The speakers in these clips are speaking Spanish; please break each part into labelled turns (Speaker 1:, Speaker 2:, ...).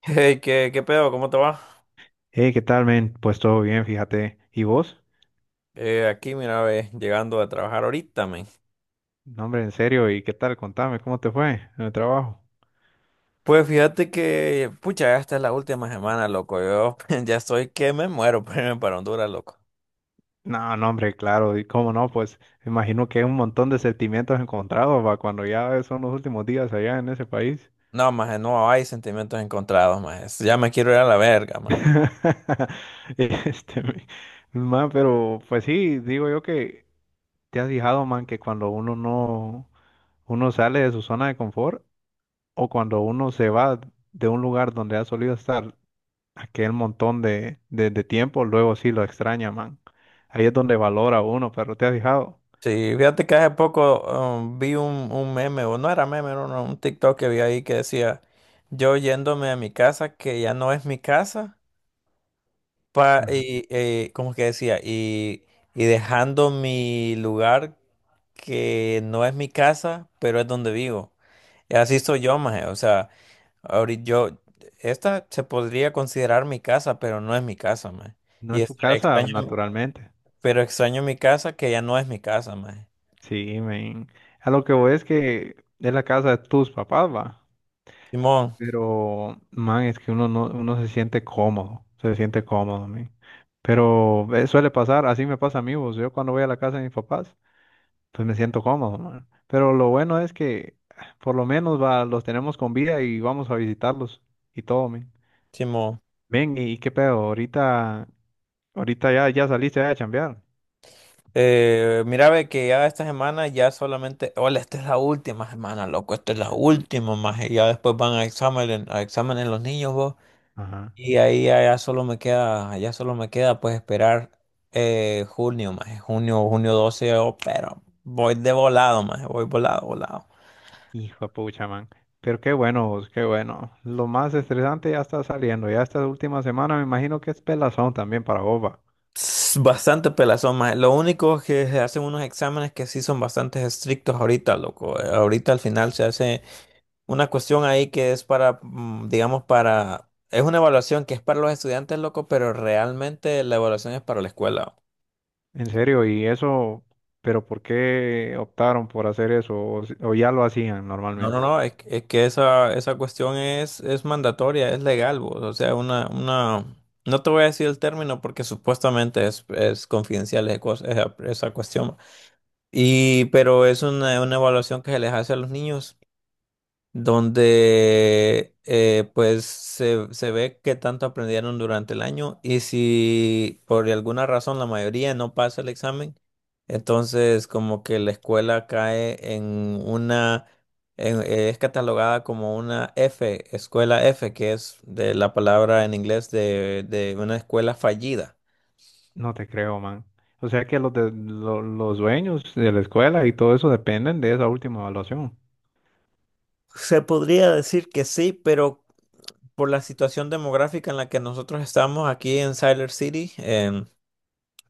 Speaker 1: Hey, ¿qué pedo? ¿Cómo te va?
Speaker 2: Hey, ¿qué tal, men? Pues todo bien, fíjate. ¿Y vos?
Speaker 1: Aquí, mira, ve, llegando a trabajar ahorita, men.
Speaker 2: No, hombre, en serio, ¿y qué tal? Contame, ¿cómo te fue en el trabajo?
Speaker 1: Pues fíjate que, pucha, esta es la última semana, loco. Yo ya estoy que me muero por irme para Honduras, loco.
Speaker 2: No, no, hombre, claro, y cómo no, pues imagino que hay un montón de sentimientos encontrados, va, cuando ya son los últimos días allá en ese país.
Speaker 1: No, maje, no hay sentimientos encontrados, maje. Ya me quiero ir a la verga, maje.
Speaker 2: Este, man, pero pues sí, digo yo que te has fijado, man, que cuando uno no, uno sale de su zona de confort o cuando uno se va de un lugar donde ha solido estar aquel montón de, de tiempo, luego sí lo extraña, man. Ahí es donde valora uno, pero te has fijado,
Speaker 1: Sí, fíjate que hace poco vi un meme, o no era meme, era un TikTok que vi ahí que decía, yo yéndome a mi casa, que ya no es mi casa, pa,
Speaker 2: ajá.
Speaker 1: y, ¿cómo es que decía? Y dejando mi lugar que no es mi casa, pero es donde vivo. Y así soy yo, maje. O sea, ahorita yo, esta se podría considerar mi casa, pero no es mi casa, maje.
Speaker 2: No
Speaker 1: Y
Speaker 2: es tu casa,
Speaker 1: extraño,
Speaker 2: naturalmente.
Speaker 1: pero extraño mi casa que ya no es mi casa, maje.
Speaker 2: Sí, men. A lo que voy es que es la casa de tus papás, va.
Speaker 1: Simón,
Speaker 2: Pero, man, es que uno no, uno se siente cómodo, men. Pero suele pasar, así me pasa a mí, vos. Yo cuando voy a la casa de mis papás, pues me siento cómodo, man. Pero lo bueno es que por lo menos va, los tenemos con vida y vamos a visitarlos y todo, men.
Speaker 1: Simón.
Speaker 2: Ven, ¿y qué pedo? Ahorita, ahorita ya, ya saliste a chambear.
Speaker 1: Mira, ve que ya esta semana ya solamente, hola, esta es la última semana, loco, esta es la última, maje. Ya después van a examen, a exámenes los niños, vos.
Speaker 2: Ajá.
Speaker 1: Y ahí allá solo me queda, pues esperar junio, más junio, junio 12 yo, pero voy de volado, más voy volado, volado.
Speaker 2: Hijo de pucha, man. Pero qué bueno, vos, qué bueno. Lo más estresante ya está saliendo. Ya esta última semana me imagino que es pelazón también para Boba.
Speaker 1: Tss, bastante pelazón, más lo único es que se hacen unos exámenes que sí son bastante estrictos ahorita, loco. Ahorita al final se hace una cuestión ahí que es para, digamos, para, es una evaluación que es para los estudiantes, loco, pero realmente la evaluación es para la escuela.
Speaker 2: En serio, ¿y eso? Pero ¿por qué optaron por hacer eso? O, o ya lo hacían
Speaker 1: No, no,
Speaker 2: normalmente.
Speaker 1: no, es que esa cuestión es mandatoria, es legal, vos. O sea, no te voy a decir el término porque supuestamente es confidencial esa cuestión. Pero es una evaluación que se les hace a los niños donde pues se ve qué tanto aprendieron durante el año y si por alguna razón la mayoría no pasa el examen, entonces como que la escuela cae en una, es catalogada como una F, escuela F, que es de la palabra en inglés de una escuela fallida.
Speaker 2: No te creo, man. O sea que los dueños de la escuela y todo eso dependen de esa última evaluación.
Speaker 1: Se podría decir que sí, pero por la situación demográfica en la que nosotros estamos aquí en Siler City,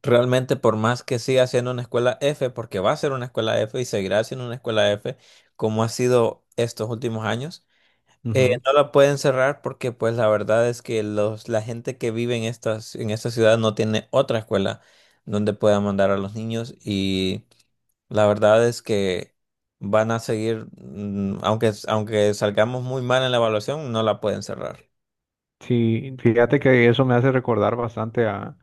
Speaker 1: realmente, por más que siga siendo una escuela F, porque va a ser una escuela F y seguirá siendo una escuela F, como ha sido estos últimos años,
Speaker 2: Ujú.
Speaker 1: no la pueden cerrar porque, pues, la verdad es que la gente que vive en en esta ciudad no tiene otra escuela donde pueda mandar a los niños y la verdad es que van a seguir, aunque salgamos muy mal en la evaluación, no la pueden cerrar.
Speaker 2: Sí, fíjate que eso me hace recordar bastante a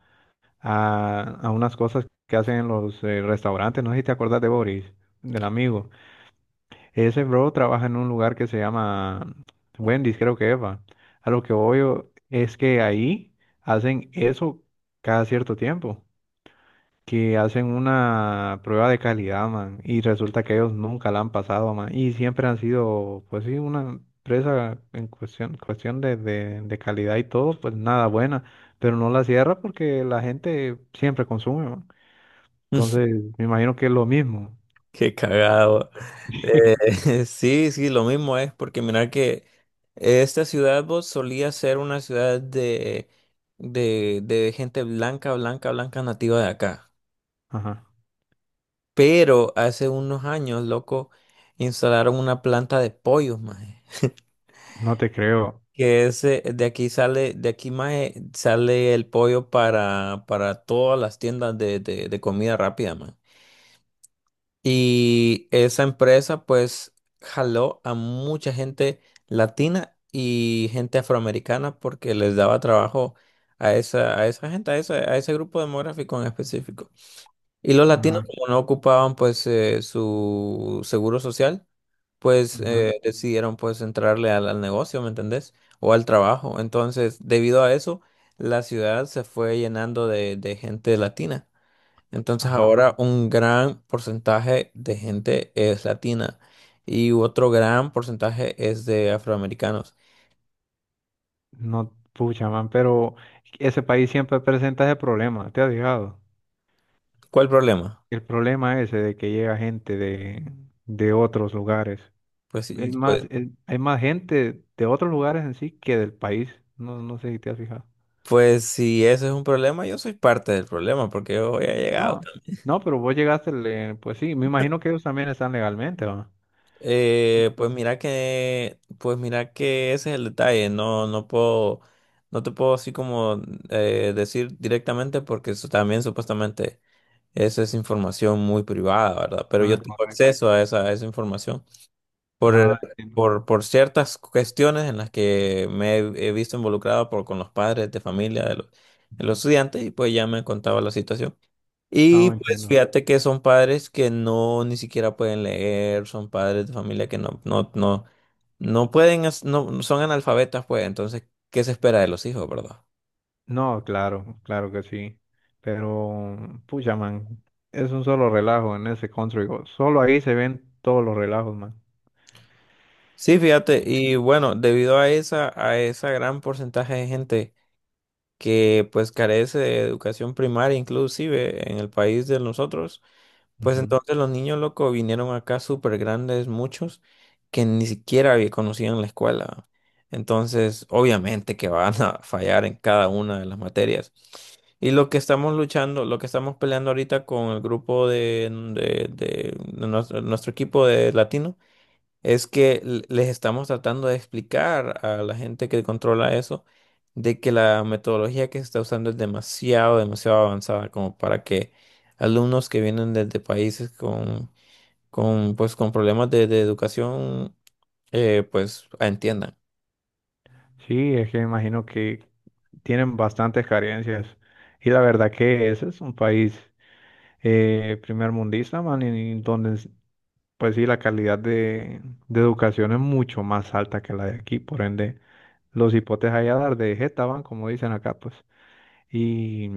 Speaker 2: a unas cosas que hacen en los restaurantes. No sé si te acuerdas de Boris, del amigo. Ese bro trabaja en un lugar que se llama Wendy's, creo que es, va. A lo que voy es que ahí hacen eso cada cierto tiempo, que hacen una prueba de calidad, man, y resulta que ellos nunca la han pasado, man, y siempre han sido, pues sí, una empresa en cuestión, cuestión de calidad y todo, pues nada buena, pero no la cierra porque la gente siempre consume, man. Entonces, me imagino que es lo mismo.
Speaker 1: Qué cagado. Sí, sí, lo mismo es, porque mirar que esta ciudad vos solía ser una ciudad de gente blanca, blanca, blanca nativa de acá.
Speaker 2: Ajá.
Speaker 1: Pero hace unos años, loco, instalaron una planta de pollos, maje.
Speaker 2: No te creo.
Speaker 1: Que ese, de aquí sale, de aquí, maje, sale el pollo para todas las tiendas de comida rápida, maje. Y esa empresa pues jaló a mucha gente latina y gente afroamericana porque les daba trabajo a esa gente, a ese grupo demográfico en específico. Y los latinos
Speaker 2: Ajá.
Speaker 1: como no ocupaban pues su seguro social, pues
Speaker 2: Ajá.
Speaker 1: decidieron pues entrarle al negocio, ¿me entendés? O al trabajo. Entonces, debido a eso, la ciudad se fue llenando de gente latina. Entonces
Speaker 2: Ajá.
Speaker 1: ahora un gran porcentaje de gente es latina y otro gran porcentaje es de afroamericanos.
Speaker 2: No, pucha, man, pero ese país siempre presenta ese problema, ¿te has fijado?
Speaker 1: ¿Cuál problema?
Speaker 2: El problema ese de que llega gente de otros lugares.
Speaker 1: Pues, si-
Speaker 2: Es más,
Speaker 1: pues,
Speaker 2: hay más gente de otros lugares en sí que del país. No, no sé si te has fijado.
Speaker 1: pues si ese es un problema, yo soy parte del problema porque yo he llegado.
Speaker 2: No, no, pero vos llegaste, pues sí, me imagino que ellos también están legalmente, ¿va?
Speaker 1: Pues mira que ese es el detalle. No, no puedo, no te puedo así como decir directamente porque eso también supuestamente eso es información muy privada, ¿verdad? Pero yo
Speaker 2: Ah,
Speaker 1: tengo
Speaker 2: correcto.
Speaker 1: acceso a esa información. Por, eh,
Speaker 2: Ah, entiendo.
Speaker 1: por ciertas cuestiones en las que me he visto involucrado con los padres de familia de los estudiantes y pues ya me contaba la situación.
Speaker 2: Ah,
Speaker 1: Y pues
Speaker 2: entiendo.
Speaker 1: fíjate que son padres que no ni siquiera pueden leer, son padres de familia que no pueden, no, son analfabetas pues, entonces, ¿qué se espera de los hijos, verdad?
Speaker 2: No, claro, claro que sí. Pero, pucha, man, es un solo relajo en ese country. Solo ahí se ven todos los relajos, man.
Speaker 1: Sí, fíjate, y bueno, debido a esa gran porcentaje de gente que pues carece de educación primaria, inclusive en el país de nosotros, pues
Speaker 2: Ujú.
Speaker 1: entonces los niños locos vinieron acá súper grandes, muchos, que ni siquiera conocían la escuela. Entonces, obviamente que van a fallar en cada una de las materias. Y lo que estamos luchando, lo que estamos peleando ahorita con el grupo de nuestro equipo de latino, es que les estamos tratando de explicar a la gente que controla eso de que la metodología que se está usando es demasiado avanzada como para que alumnos que vienen desde países con problemas de educación, pues entiendan.
Speaker 2: Sí, es que me imagino que tienen bastantes carencias. Y la verdad que ese es un país primer mundista, man, y donde, pues sí, la calidad de educación es mucho más alta que la de aquí. Por ende, los hipotes allá dar de jeta van, como dicen acá, pues. Y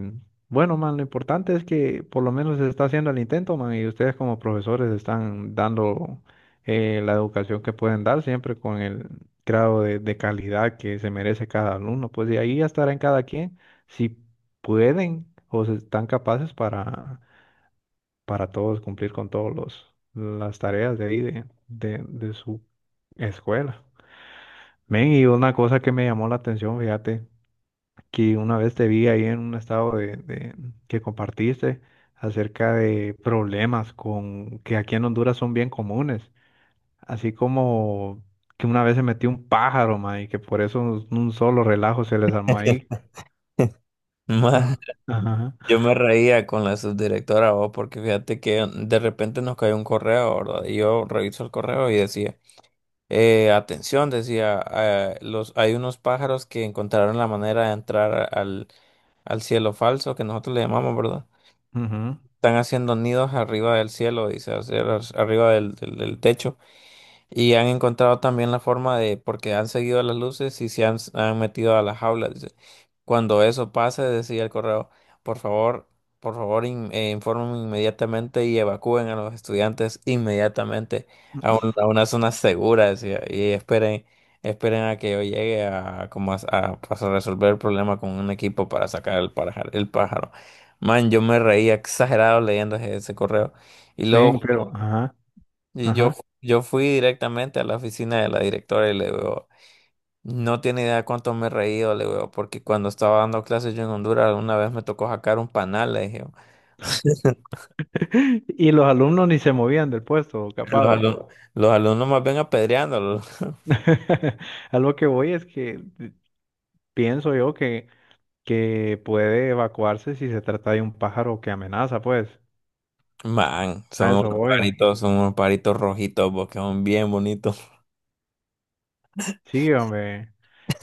Speaker 2: bueno, man, lo importante es que por lo menos se está haciendo el intento, man, y ustedes como profesores están dando la educación que pueden dar siempre con el grado de calidad que se merece cada alumno. Pues de ahí ya estará en cada quien si pueden o se están capaces para todos cumplir con todos los las tareas de ahí de, de su escuela. Men, y una cosa que me llamó la atención, fíjate que una vez te vi ahí en un estado de, que compartiste acerca de problemas con que aquí en Honduras son bien comunes, así como que una vez se metió un pájaro, ma, y que por eso un solo relajo se les armó ahí.
Speaker 1: Ma,
Speaker 2: Ah, ajá,
Speaker 1: yo me reía con la subdirectora, vos, porque fíjate que de repente nos cayó un correo, ¿verdad? Y yo reviso el correo y decía: atención, decía, hay unos pájaros que encontraron la manera de entrar al cielo falso, que nosotros le llamamos, ¿verdad?
Speaker 2: ujú.
Speaker 1: Están haciendo nidos arriba del cielo, dice, o sea, arriba del techo. Y han encontrado también la forma de, porque han seguido las luces y se han metido a las jaulas, dice. Cuando eso pase, decía el correo, por favor, por favor, informen inmediatamente y evacúen a los estudiantes inmediatamente a una zona segura, decía, y esperen, esperen a que yo llegue a, como a- pues, a resolver el problema con un equipo para sacar el pájaro, el pájaro. Man, yo me reía exagerado leyendo ese correo. Y
Speaker 2: Bien,
Speaker 1: luego
Speaker 2: pero, ajá,
Speaker 1: y yo,
Speaker 2: ajá.
Speaker 1: yo fui directamente a la oficina de la directora y le digo, no tiene idea cuánto me he reído, le digo, porque cuando estaba dando clases yo en Honduras, una vez me tocó sacar un panal, le dije.
Speaker 2: Y los alumnos ni se movían del puesto,
Speaker 1: Los
Speaker 2: capaz. Va.
Speaker 1: alumnos, los alumnos más bien apedreándolo.
Speaker 2: A lo que voy es que pienso yo que puede evacuarse si se trata de un pájaro que amenaza, pues.
Speaker 1: Man,
Speaker 2: A
Speaker 1: son
Speaker 2: eso
Speaker 1: unos
Speaker 2: voy.
Speaker 1: paritos, son unos paritos rojitos, porque son bien bonitos.
Speaker 2: Sí, hombre.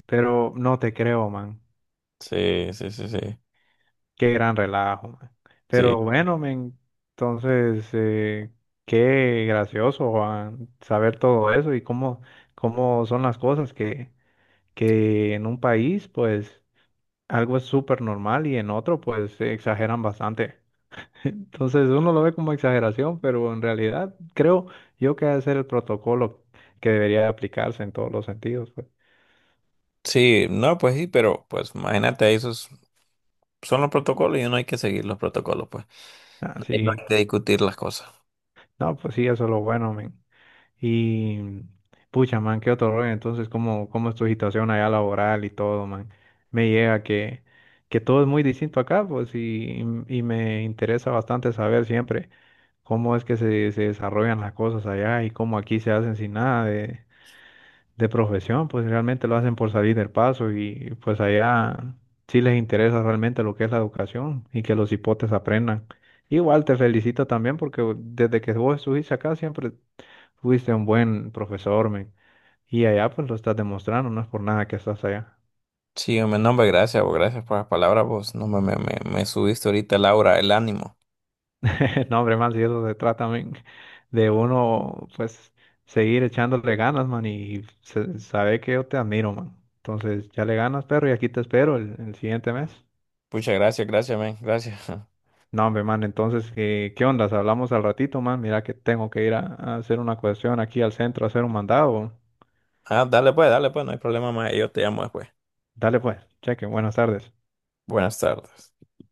Speaker 2: Pero no te creo, man.
Speaker 1: Sí, sí, sí, sí.
Speaker 2: Qué gran relajo, man.
Speaker 1: Sí,
Speaker 2: Pero bueno, men, entonces, qué gracioso, Juan, saber todo eso y cómo, cómo son las cosas que en un país, pues, algo es súper normal y en otro, pues, se exageran bastante. Entonces, uno lo ve como exageración, pero en realidad creo yo que ha de ser el protocolo que debería aplicarse en todos los sentidos, pues.
Speaker 1: sí, no, pues sí, pero pues imagínate, esos son los protocolos y uno hay que seguir los protocolos, pues. Y no
Speaker 2: Así.
Speaker 1: hay que discutir las cosas.
Speaker 2: No, pues sí, eso es lo bueno, men. Y pucha, man, qué otro rollo. Entonces, ¿cómo, cómo es tu situación allá laboral y todo, man? Me llega que todo es muy distinto acá, pues, y me interesa bastante saber siempre cómo es que se desarrollan las cosas allá y cómo aquí se hacen sin nada de, de profesión, pues realmente lo hacen por salir del paso y pues allá sí les interesa realmente lo que es la educación y que los hipotes aprendan. Igual te felicito también porque desde que vos estuviste acá siempre fuiste un buen profesor, men. Y allá pues lo estás demostrando, no es por nada que estás allá.
Speaker 1: Sí, hombre, no, hombre, gracias, vos, gracias por las palabras, vos. No, me subiste ahorita, Laura, el aura, el ánimo.
Speaker 2: No, hombre, man, si eso se trata, men, de uno pues seguir echándole ganas, man, y saber que yo te admiro, man. Entonces ya le ganas, perro, y aquí te espero el siguiente mes.
Speaker 1: Pucha, gracias, gracias, men, gracias.
Speaker 2: No, hombre, man, entonces, ¿qué, qué ondas? Hablamos al ratito, man. Mira que tengo que ir a hacer una cuestión aquí al centro, a hacer un mandado.
Speaker 1: Ah, dale pues, no hay problema más, yo te llamo después.
Speaker 2: Dale pues, cheque, buenas tardes.
Speaker 1: Buenas tardes.